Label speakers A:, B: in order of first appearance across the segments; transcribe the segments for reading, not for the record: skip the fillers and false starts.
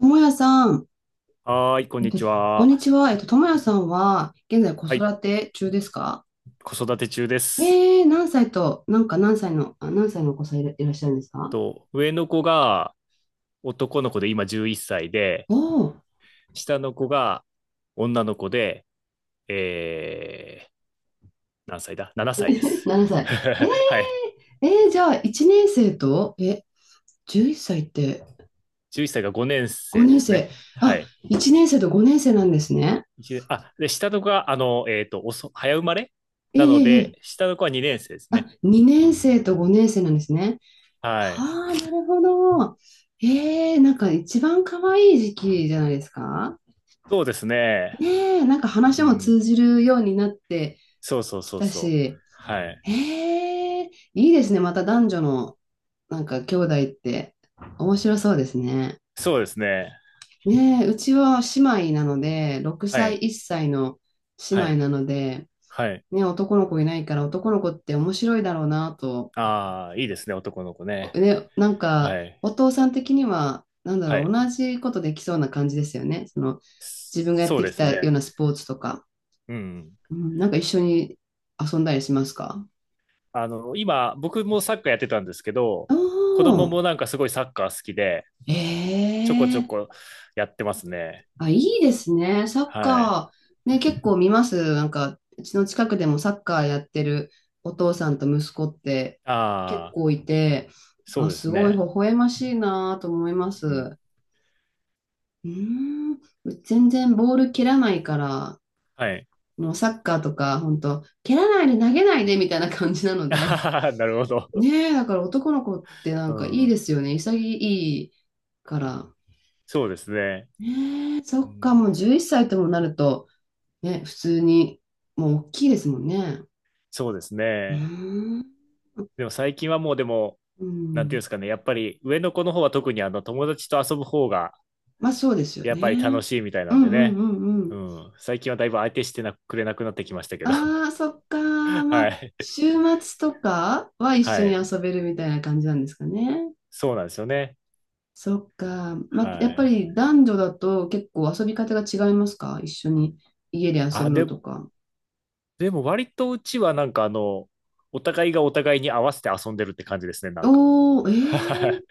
A: ともやさん、
B: はーい、こん
A: えっ
B: に
A: と、
B: ち
A: こんに
B: は。
A: ちは。ともやさんは、現在子
B: はい、
A: 育て中ですか？
B: 子育て中です。
A: 何歳と、なんか何歳の、あ、何歳のお子さんいらっしゃるんですか？
B: と、上の子が男の子で今11歳で、
A: おおー、
B: 下の子が女の子で、えー、何歳だ？ 7 歳で す。
A: 7 歳。
B: はい。
A: じゃあ、1年生と、11歳っさいって
B: 11歳が5年生
A: 5
B: で
A: 年
B: す
A: 生。
B: ね。は
A: あ、
B: い。
A: 1年生と5年生なんですね。
B: 一年あ、で、下の子が、遅早生まれ
A: えー、え
B: なの
A: ーえ
B: で、
A: ー
B: 下の子は2年生です
A: あ、
B: ね。
A: 2年生と5年生なんですね。
B: は
A: はあ、
B: い。
A: なるほど。なんか一番可愛い時期じゃないですか？
B: そうですね。
A: ねえ、なんか
B: う
A: 話も
B: ん。
A: 通じるようになって
B: そうそう
A: き
B: そう
A: た
B: そう。
A: し、
B: はい。
A: へえ、いいですね。また男女のなんか兄弟って面白そうですね。
B: そうですね。
A: ねえ、うちは姉妹なので、6
B: は
A: 歳、
B: い。
A: 1歳の姉
B: は
A: 妹
B: い。
A: なので、
B: はい。
A: ね、男の子いないから男の子って面白いだろうなと、
B: ああ、いいですね、男の子ね。
A: ね、なんか
B: はい。
A: お父さん的には、なんだ
B: は
A: ろう、
B: い。
A: 同じことできそうな感じですよね。その自分がやっ
B: そう
A: て
B: で
A: き
B: す
A: たよう
B: ね。
A: なスポーツとか、
B: うん。
A: うん、なんか一緒に遊んだりしますか？
B: 今、僕もサッカーやってたんですけど、
A: あ
B: 子供
A: あ、
B: もなんかすごいサッカー好きで、ちょこちょ
A: ええ、
B: こやってますね。
A: あ、いいですね。サッ
B: はい。
A: カー、ね、結構見ます。なんか、うちの近くでもサッカーやってるお父さんと息子って結
B: ああ、
A: 構いて、
B: そ
A: あ、
B: うで
A: す
B: す
A: ごい微
B: ね。
A: 笑ましいなと思います。
B: うん。
A: うーん、全然ボール蹴らないから、
B: はい。
A: もうサッカーとか、本当蹴らないで投げないでみたいな感じな ので。
B: ああ、なるほど。
A: ねえ、だから男の子ってな
B: う
A: んかいい
B: ん。
A: ですよね。潔いから。
B: そうですね。
A: ねえ、そ
B: う
A: っか、
B: ん。
A: もう11歳ともなると、ね、普通に、もう大きいですもんね。
B: そうです
A: うー
B: ね。
A: ん。
B: でも最近はもうでも、
A: う
B: なんていうんで
A: ん。
B: すかね、やっぱり上の子の方は特にあの友達と遊ぶ方が
A: まあそうですよ
B: やっぱり楽
A: ね。
B: しいみたい
A: う
B: なん
A: ん
B: で
A: うん
B: ね。
A: うんう
B: う
A: ん。
B: ん。最近はだいぶ相手してなくれなくなってきましたけど。
A: ああ、そっか。
B: は
A: まあ、
B: い。
A: 週末とかは一緒
B: は
A: に
B: い。
A: 遊べるみたいな感じなんですかね。
B: そうなんですよね。
A: そっか。まあ、や
B: は
A: っぱ
B: い。
A: り男女だと結構遊び方が違いますか？一緒に家で遊
B: あ、
A: ぶの
B: で、
A: とか。
B: でも割とうちはなんかあの、お互いがお互いに合わせて遊んでるって感じですね、なんか。
A: おー、
B: はい。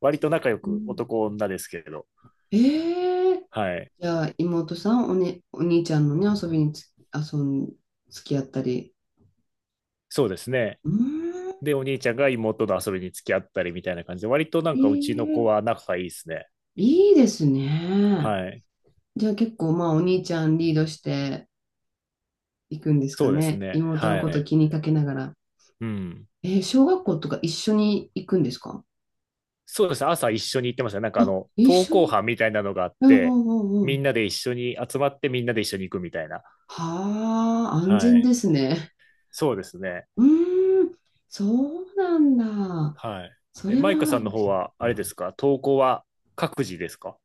B: 割と仲良
A: う
B: く
A: ん、
B: 男女ですけれど。
A: えー
B: はい。
A: じゃあ、妹さん、お兄ちゃんのね、遊びにつ、遊ん、付き合ったり。
B: そうですね。
A: うーん、
B: で、お兄ちゃんが妹と遊びに付き合ったりみたいな感じで、割となん
A: え
B: かうちの
A: え、
B: 子は仲がいいですね。
A: いいですね。
B: はい。
A: じゃあ結構、まあ、お兄ちゃんリードしていくんですか
B: そうです
A: ね。
B: ね。
A: 妹の
B: は
A: こと
B: い。
A: 気にかけながら。
B: うん。
A: 小学校とか一緒に行くんですか？
B: そうですね、朝一緒に行ってましたね。なんか
A: あ、一
B: 登
A: 緒
B: 校
A: に。
B: 班みたいなのがあっ
A: うんう
B: て、
A: んうんう
B: みん
A: ん。
B: なで一緒に集まってみんなで一緒に行くみたいな。
A: はあ、安
B: は
A: 全で
B: い。
A: すね。
B: そうですね。
A: うーん、そうなんだ。
B: はい。
A: そ
B: え、
A: れ
B: マイカ
A: は、
B: さんの方は、あれですか登校は各自ですか？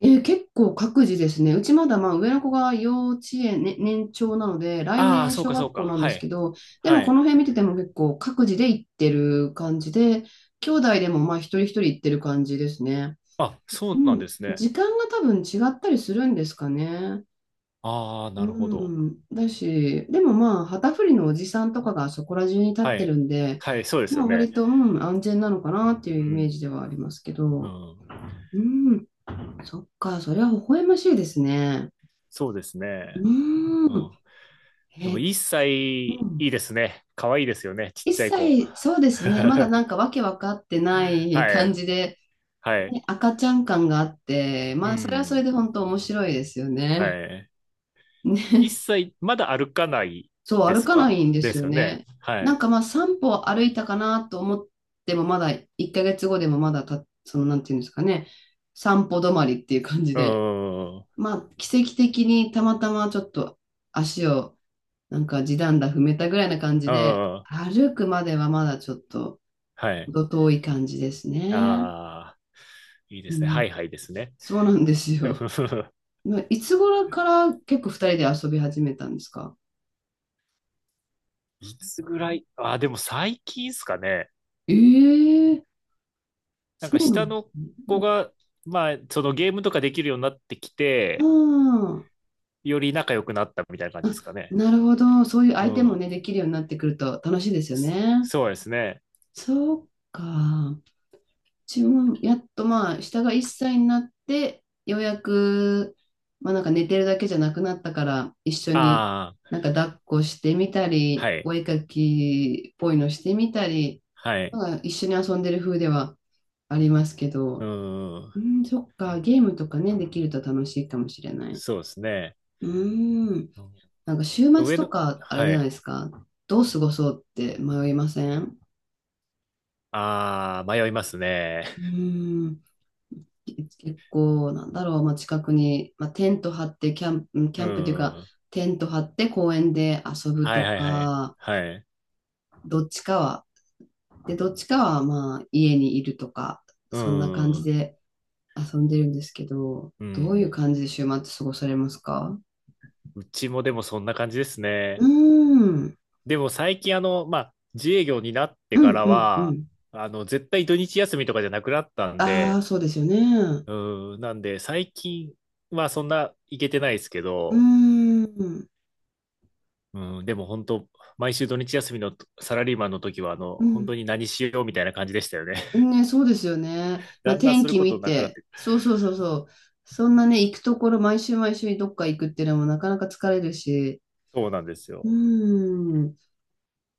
A: 結構各自ですね。うちまだまあ上の子が幼稚園、ね、年長なので、来
B: ああー、
A: 年
B: そう
A: 小
B: かそ
A: 学
B: うか。
A: 校なんで
B: は
A: すけ
B: い。
A: ど、で
B: は
A: もこ
B: い。
A: の辺見てても結構各自で行ってる感じで、兄弟でもまあ一人一人行ってる感じですね。
B: あ、そ
A: う
B: うなん
A: ん。
B: ですね。
A: 時間が多分違ったりするんですかね。
B: ああ、なるほど。
A: うん。だし、でもまあ旗振りのおじさんとかがそこら中に立っ
B: は
A: て
B: い。
A: るんで、
B: はい、そうです
A: ま
B: よ
A: あ
B: ね。
A: 割と、うん、安全なのかなっていう
B: う
A: イメー
B: ん。
A: ジではありますけ
B: う
A: ど。
B: ん。
A: うん。そっか、それは微笑ましいですね。
B: そうです
A: う
B: ね。う
A: ーん。
B: ん。でも、
A: え、
B: 一歳い
A: うん。
B: いですね。可愛いですよね。ちっ
A: 一
B: ちゃい子。
A: 切、そうで すね。まだ
B: は
A: なんかわけわかってない感
B: い。
A: じで、
B: はい。
A: ね、赤ちゃん感があって、
B: う
A: まあ、それはそれ
B: ん。
A: で本当面白いですよ
B: は
A: ね。
B: い。一
A: ね。
B: 切まだ歩かない
A: そう、
B: で
A: 歩
B: す
A: かな
B: か
A: いんで
B: で
A: すよ
B: すよね。
A: ね。
B: は
A: なん
B: い。
A: かまあ、3歩歩いたかなと思っても、まだ1ヶ月後でもまだた、その、なんていうんですかね。散歩止まりっていう感じ
B: うー
A: で。
B: ん。う
A: まあ、奇跡的にたまたまちょっと足をなんか地団駄踏めたぐらいな感じ
B: ー
A: で、
B: ん。
A: 歩くまではまだちょっと
B: はい。
A: 程遠い感じですね。
B: ああ、いいで
A: う
B: すね。は
A: ん、
B: いはいですね。
A: そうなんですよ。いつ頃から結構二人で遊び始めたんですか？
B: いつぐらい、ああ、でも最近ですかね。
A: ええ、
B: なん
A: そ
B: か
A: うなん
B: 下
A: です
B: の
A: ね。
B: 子が、まあ、そのゲームとかできるようになってき
A: あ
B: て、より仲良くなったみたいな感
A: あ、
B: じで
A: あ、
B: すかね。
A: なるほど。そういう
B: う
A: 相手も
B: ん。
A: ね、できるようになってくると楽しいですよ
B: そ
A: ね。
B: そうですね。
A: そうか。自分もやっとまあ、下が1歳になって、ようやく、まあなんか寝てるだけじゃなくなったから、一緒に
B: ああ、
A: なんか抱っこしてみたり、
B: はい。
A: お絵描きっぽいのしてみたり、
B: はい。
A: なんか一緒に遊んでる風ではありますけ
B: う
A: ど、
B: ん。
A: うん、そっか、ゲームとかね、できると楽しいかもしれない。
B: そうですね。
A: うん、
B: うん
A: なんか週末
B: 上
A: と
B: の、
A: か、あれじ
B: は
A: ゃない
B: い。
A: ですか、どう過ごそうって迷いません？
B: ああ、迷いますね。
A: うん、結構、なんだろう、まあ、近くに、まあ、テント張って、キャンプ、キ
B: う
A: ャンプというか、
B: ん。
A: テント張って公園で遊ぶ
B: はい
A: と
B: はいはい。
A: か、
B: はい。
A: どっちかは、で、どっちかは、まあ、家にいるとか、
B: う
A: そんな感
B: ん。
A: じ
B: う
A: で遊んでるんですけど、どういう
B: ん。
A: 感じで週末過ごされますか？
B: うちもでもそんな感じです
A: う
B: ね。
A: ーん、
B: でも最近まあ、自営業になって
A: う
B: か
A: ん、
B: ら
A: うん、う
B: は、
A: ん。
B: 絶対土日休みとかじゃなくなったん
A: あ
B: で、
A: あ、そうですよね。う
B: うん。なんで最近はそんな行けてないですけ
A: ー
B: ど、
A: ん、
B: うん。でも本当、毎週土日休みのサラリーマンの時は、
A: う
B: 本当
A: ん、
B: に何しようみたいな感じでしたよね。
A: ね、そうですよね。まあ、
B: だんだん
A: 天
B: する
A: 気
B: こと
A: 見
B: なくなっ
A: て、
B: てくる。
A: そうそうそうそう。そんなね、行くところ、毎週毎週どっか行くっていうのもなかなか疲れるし、
B: そうなんです
A: う
B: よ。
A: ーん、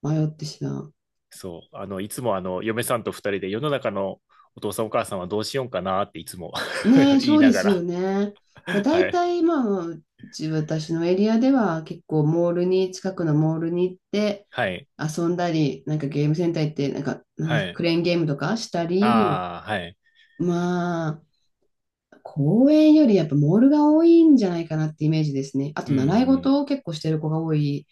A: 迷ってしまう。
B: そう、いつも嫁さんと二人で世の中のお父さんお母さんはどうしようかなっていつも
A: ね、
B: 言
A: そ
B: い
A: う
B: な
A: で
B: が
A: すよ
B: ら
A: ね。まあ、
B: は
A: 大
B: い、
A: 体、まあ、うち、私のエリアでは結構モールに、近くのモールに行って
B: はい、
A: 遊んだり、なんかゲームセンター行って、なんか、なんで
B: は
A: すか
B: い、
A: クレーンゲームとかしたり、
B: ああ、はい、
A: ま公園よりやっぱモールが多いんじゃないかなってイメージですね。あ
B: う
A: と習い
B: ん、
A: 事を結構してる子が多い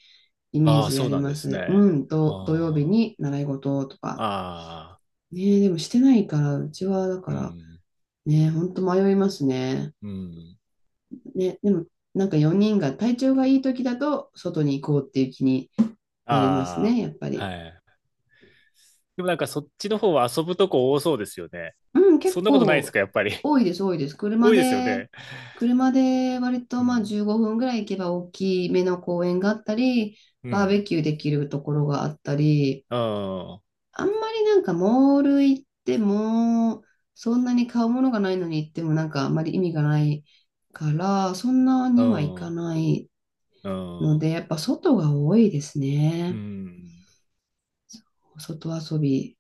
A: イメー
B: ああ、
A: ジあ
B: そう
A: り
B: なんで
A: ま
B: す
A: す。
B: ね。
A: うん、と土曜日
B: あ
A: に習い事と
B: あ、
A: か。
B: ああ、
A: ねえ、でもしてないから、うちはだか
B: う
A: ら、
B: ん、
A: ねえ、ほんと迷いますね。
B: うん、
A: ね、でもなんか4人が体調がいい時だと外に行こうっていう気になります
B: あ
A: ね、やっぱ
B: あ、
A: り。
B: はい。でもなんかそっちの方は遊ぶとこ多そうですよね。
A: うん、結
B: そんなことないです
A: 構
B: か、やっぱり。
A: 多 いです、多いです。
B: 多いですよね。
A: 車で割と
B: う
A: まあ
B: ん、
A: 15分ぐらい行けば大きめの公園があったり、
B: う
A: バー
B: ん、
A: ベキューできるところがあったり、
B: うん、
A: あんまりなんかモール行っても、そんなに買うものがないのに行ってもなんかあんまり意味がないから、そんな
B: う
A: にはいか
B: ん、
A: ない
B: う
A: の
B: ん、
A: で、やっぱ外が多いです
B: う
A: ね。
B: ん。
A: 外遊び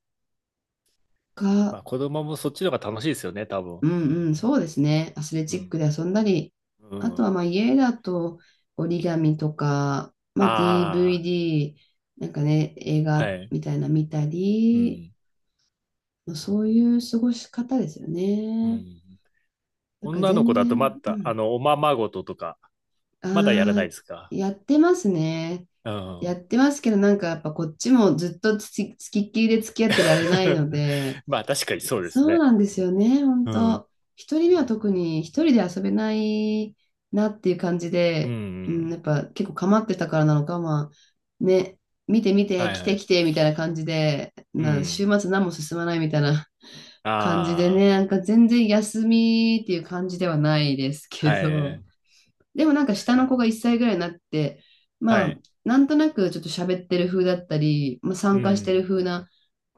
B: ま
A: が、
B: あ子供もそっちの方が楽しいですよね、多分。
A: うんうん、そうですね。アスレ
B: う
A: チック
B: ん。
A: で遊んだり、
B: う
A: あとは
B: ん。
A: まあ家だと折り紙とか、まあ、
B: あ
A: DVD、なんかね、映
B: あ、
A: 画
B: はい。
A: みたいな見た
B: う
A: り、
B: ん。
A: まあそういう過ごし方ですよ
B: う
A: ね。
B: ん。
A: だから
B: 女の
A: 全
B: 子だと
A: 然、
B: ま
A: う
B: た、
A: ん。
B: おままごととか、まだやらな
A: あ
B: い
A: あ、
B: ですか？
A: やってますね。
B: う
A: やっ
B: ん。
A: てますけど、なんかやっぱこっちもずっとつきっきりで付き合ってられないの で、
B: まあ確かにそうです
A: そう
B: ね。
A: なんですよね、本
B: うん。
A: 当。一人目は特に一人で遊べないなっていう感じ
B: う
A: で、うん、
B: ん。
A: やっぱ結構構ってたからなのか、まあ、ね、見て見
B: は
A: て、
B: い
A: 来
B: は
A: て
B: い。
A: 来てみたいな感じで、
B: う
A: な、週
B: ん。
A: 末何も進まないみたいな 感じで
B: あ
A: ね、なんか全然休みっていう感じではないです
B: あ、
A: け
B: は
A: ど、
B: い。
A: でもなんか下の子が1歳ぐらいになって、
B: は
A: まあ、
B: い。
A: なんとなくちょっと喋ってる風だったり、まあ、
B: う
A: 参加してる
B: ん。
A: 風な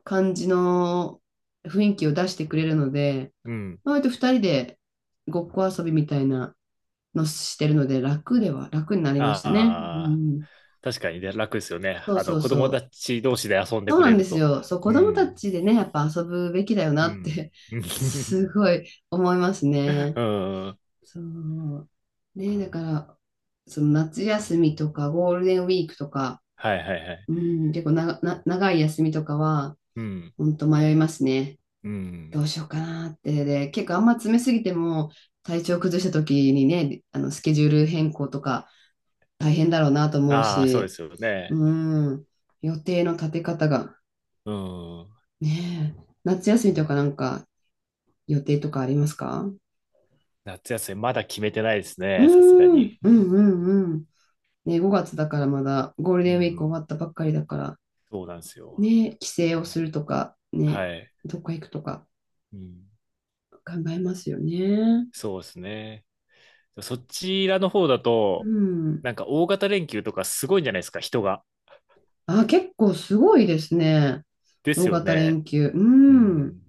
A: 感じの雰囲気を出してくれるので、
B: うん。
A: まあ割と2人でごっこ遊びみたいなのしてるので、楽では、楽になりましたね。う
B: ああ、
A: ん。
B: 確かにね、楽ですよね。
A: そうそう
B: 子
A: そ
B: 供た
A: う。
B: ち同士で遊んで
A: そう
B: く
A: な
B: れ
A: んで
B: る
A: す
B: と。
A: よ。そう、子
B: う
A: 供た
B: ん。
A: ちでね、やっぱ遊ぶべきだよな
B: う
A: っ
B: ん。
A: て すごい思います ね。
B: うん。
A: そう。ね、だから、その夏休みとかゴールデンウィークとか、
B: はいはいはい。
A: うん、結構な、な、長い休みとかは、
B: うん。
A: 本当迷いますね。
B: うん。
A: どうしようかなって、で、結構あんま詰めすぎても、体調崩した時にね、あの、スケジュール変更とか大変だろうなと思う
B: ああ、そうで
A: し、
B: すよね。
A: うん、予定の立て方が、
B: うん。
A: ねえ、夏休みとかなんか予定とかありますか？
B: 夏休みまだ決めてないです
A: うー
B: ね。さすがに。
A: ん、うん、うん、うん。ね、5月だからまだゴール
B: う
A: デンウィーク終
B: ん。
A: わったばっかりだから、
B: そうなんですよ。
A: ね、帰省をするとか、
B: は
A: ね、
B: い。
A: どっか行くとか
B: うん。
A: 考えますよね。
B: そうですね。そちらの方だ
A: う
B: と、
A: ん。
B: なんか大型連休とかすごいんじゃないですか、人が？
A: あ、結構すごいですね。
B: で
A: 大
B: すよ
A: 型
B: ね。
A: 連休。
B: う
A: うん。
B: ん。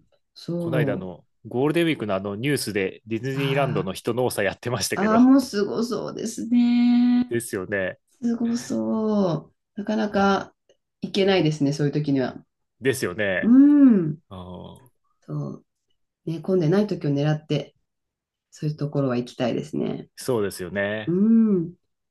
B: この間
A: そう。
B: のゴールデンウィークのあのニュースでディズニーランド
A: あ
B: の人の多さやってました
A: ー
B: け
A: あー、
B: ど。
A: もうすごそうですね。
B: ですよね。
A: すごそう。なかなか行けないですね、そういう時には。
B: ですよ
A: う
B: ね。
A: ん。
B: うん。
A: そう。ね、混んでない時を狙って、そういうところは行きたいですね。
B: そうですよ
A: う
B: ね。
A: ん。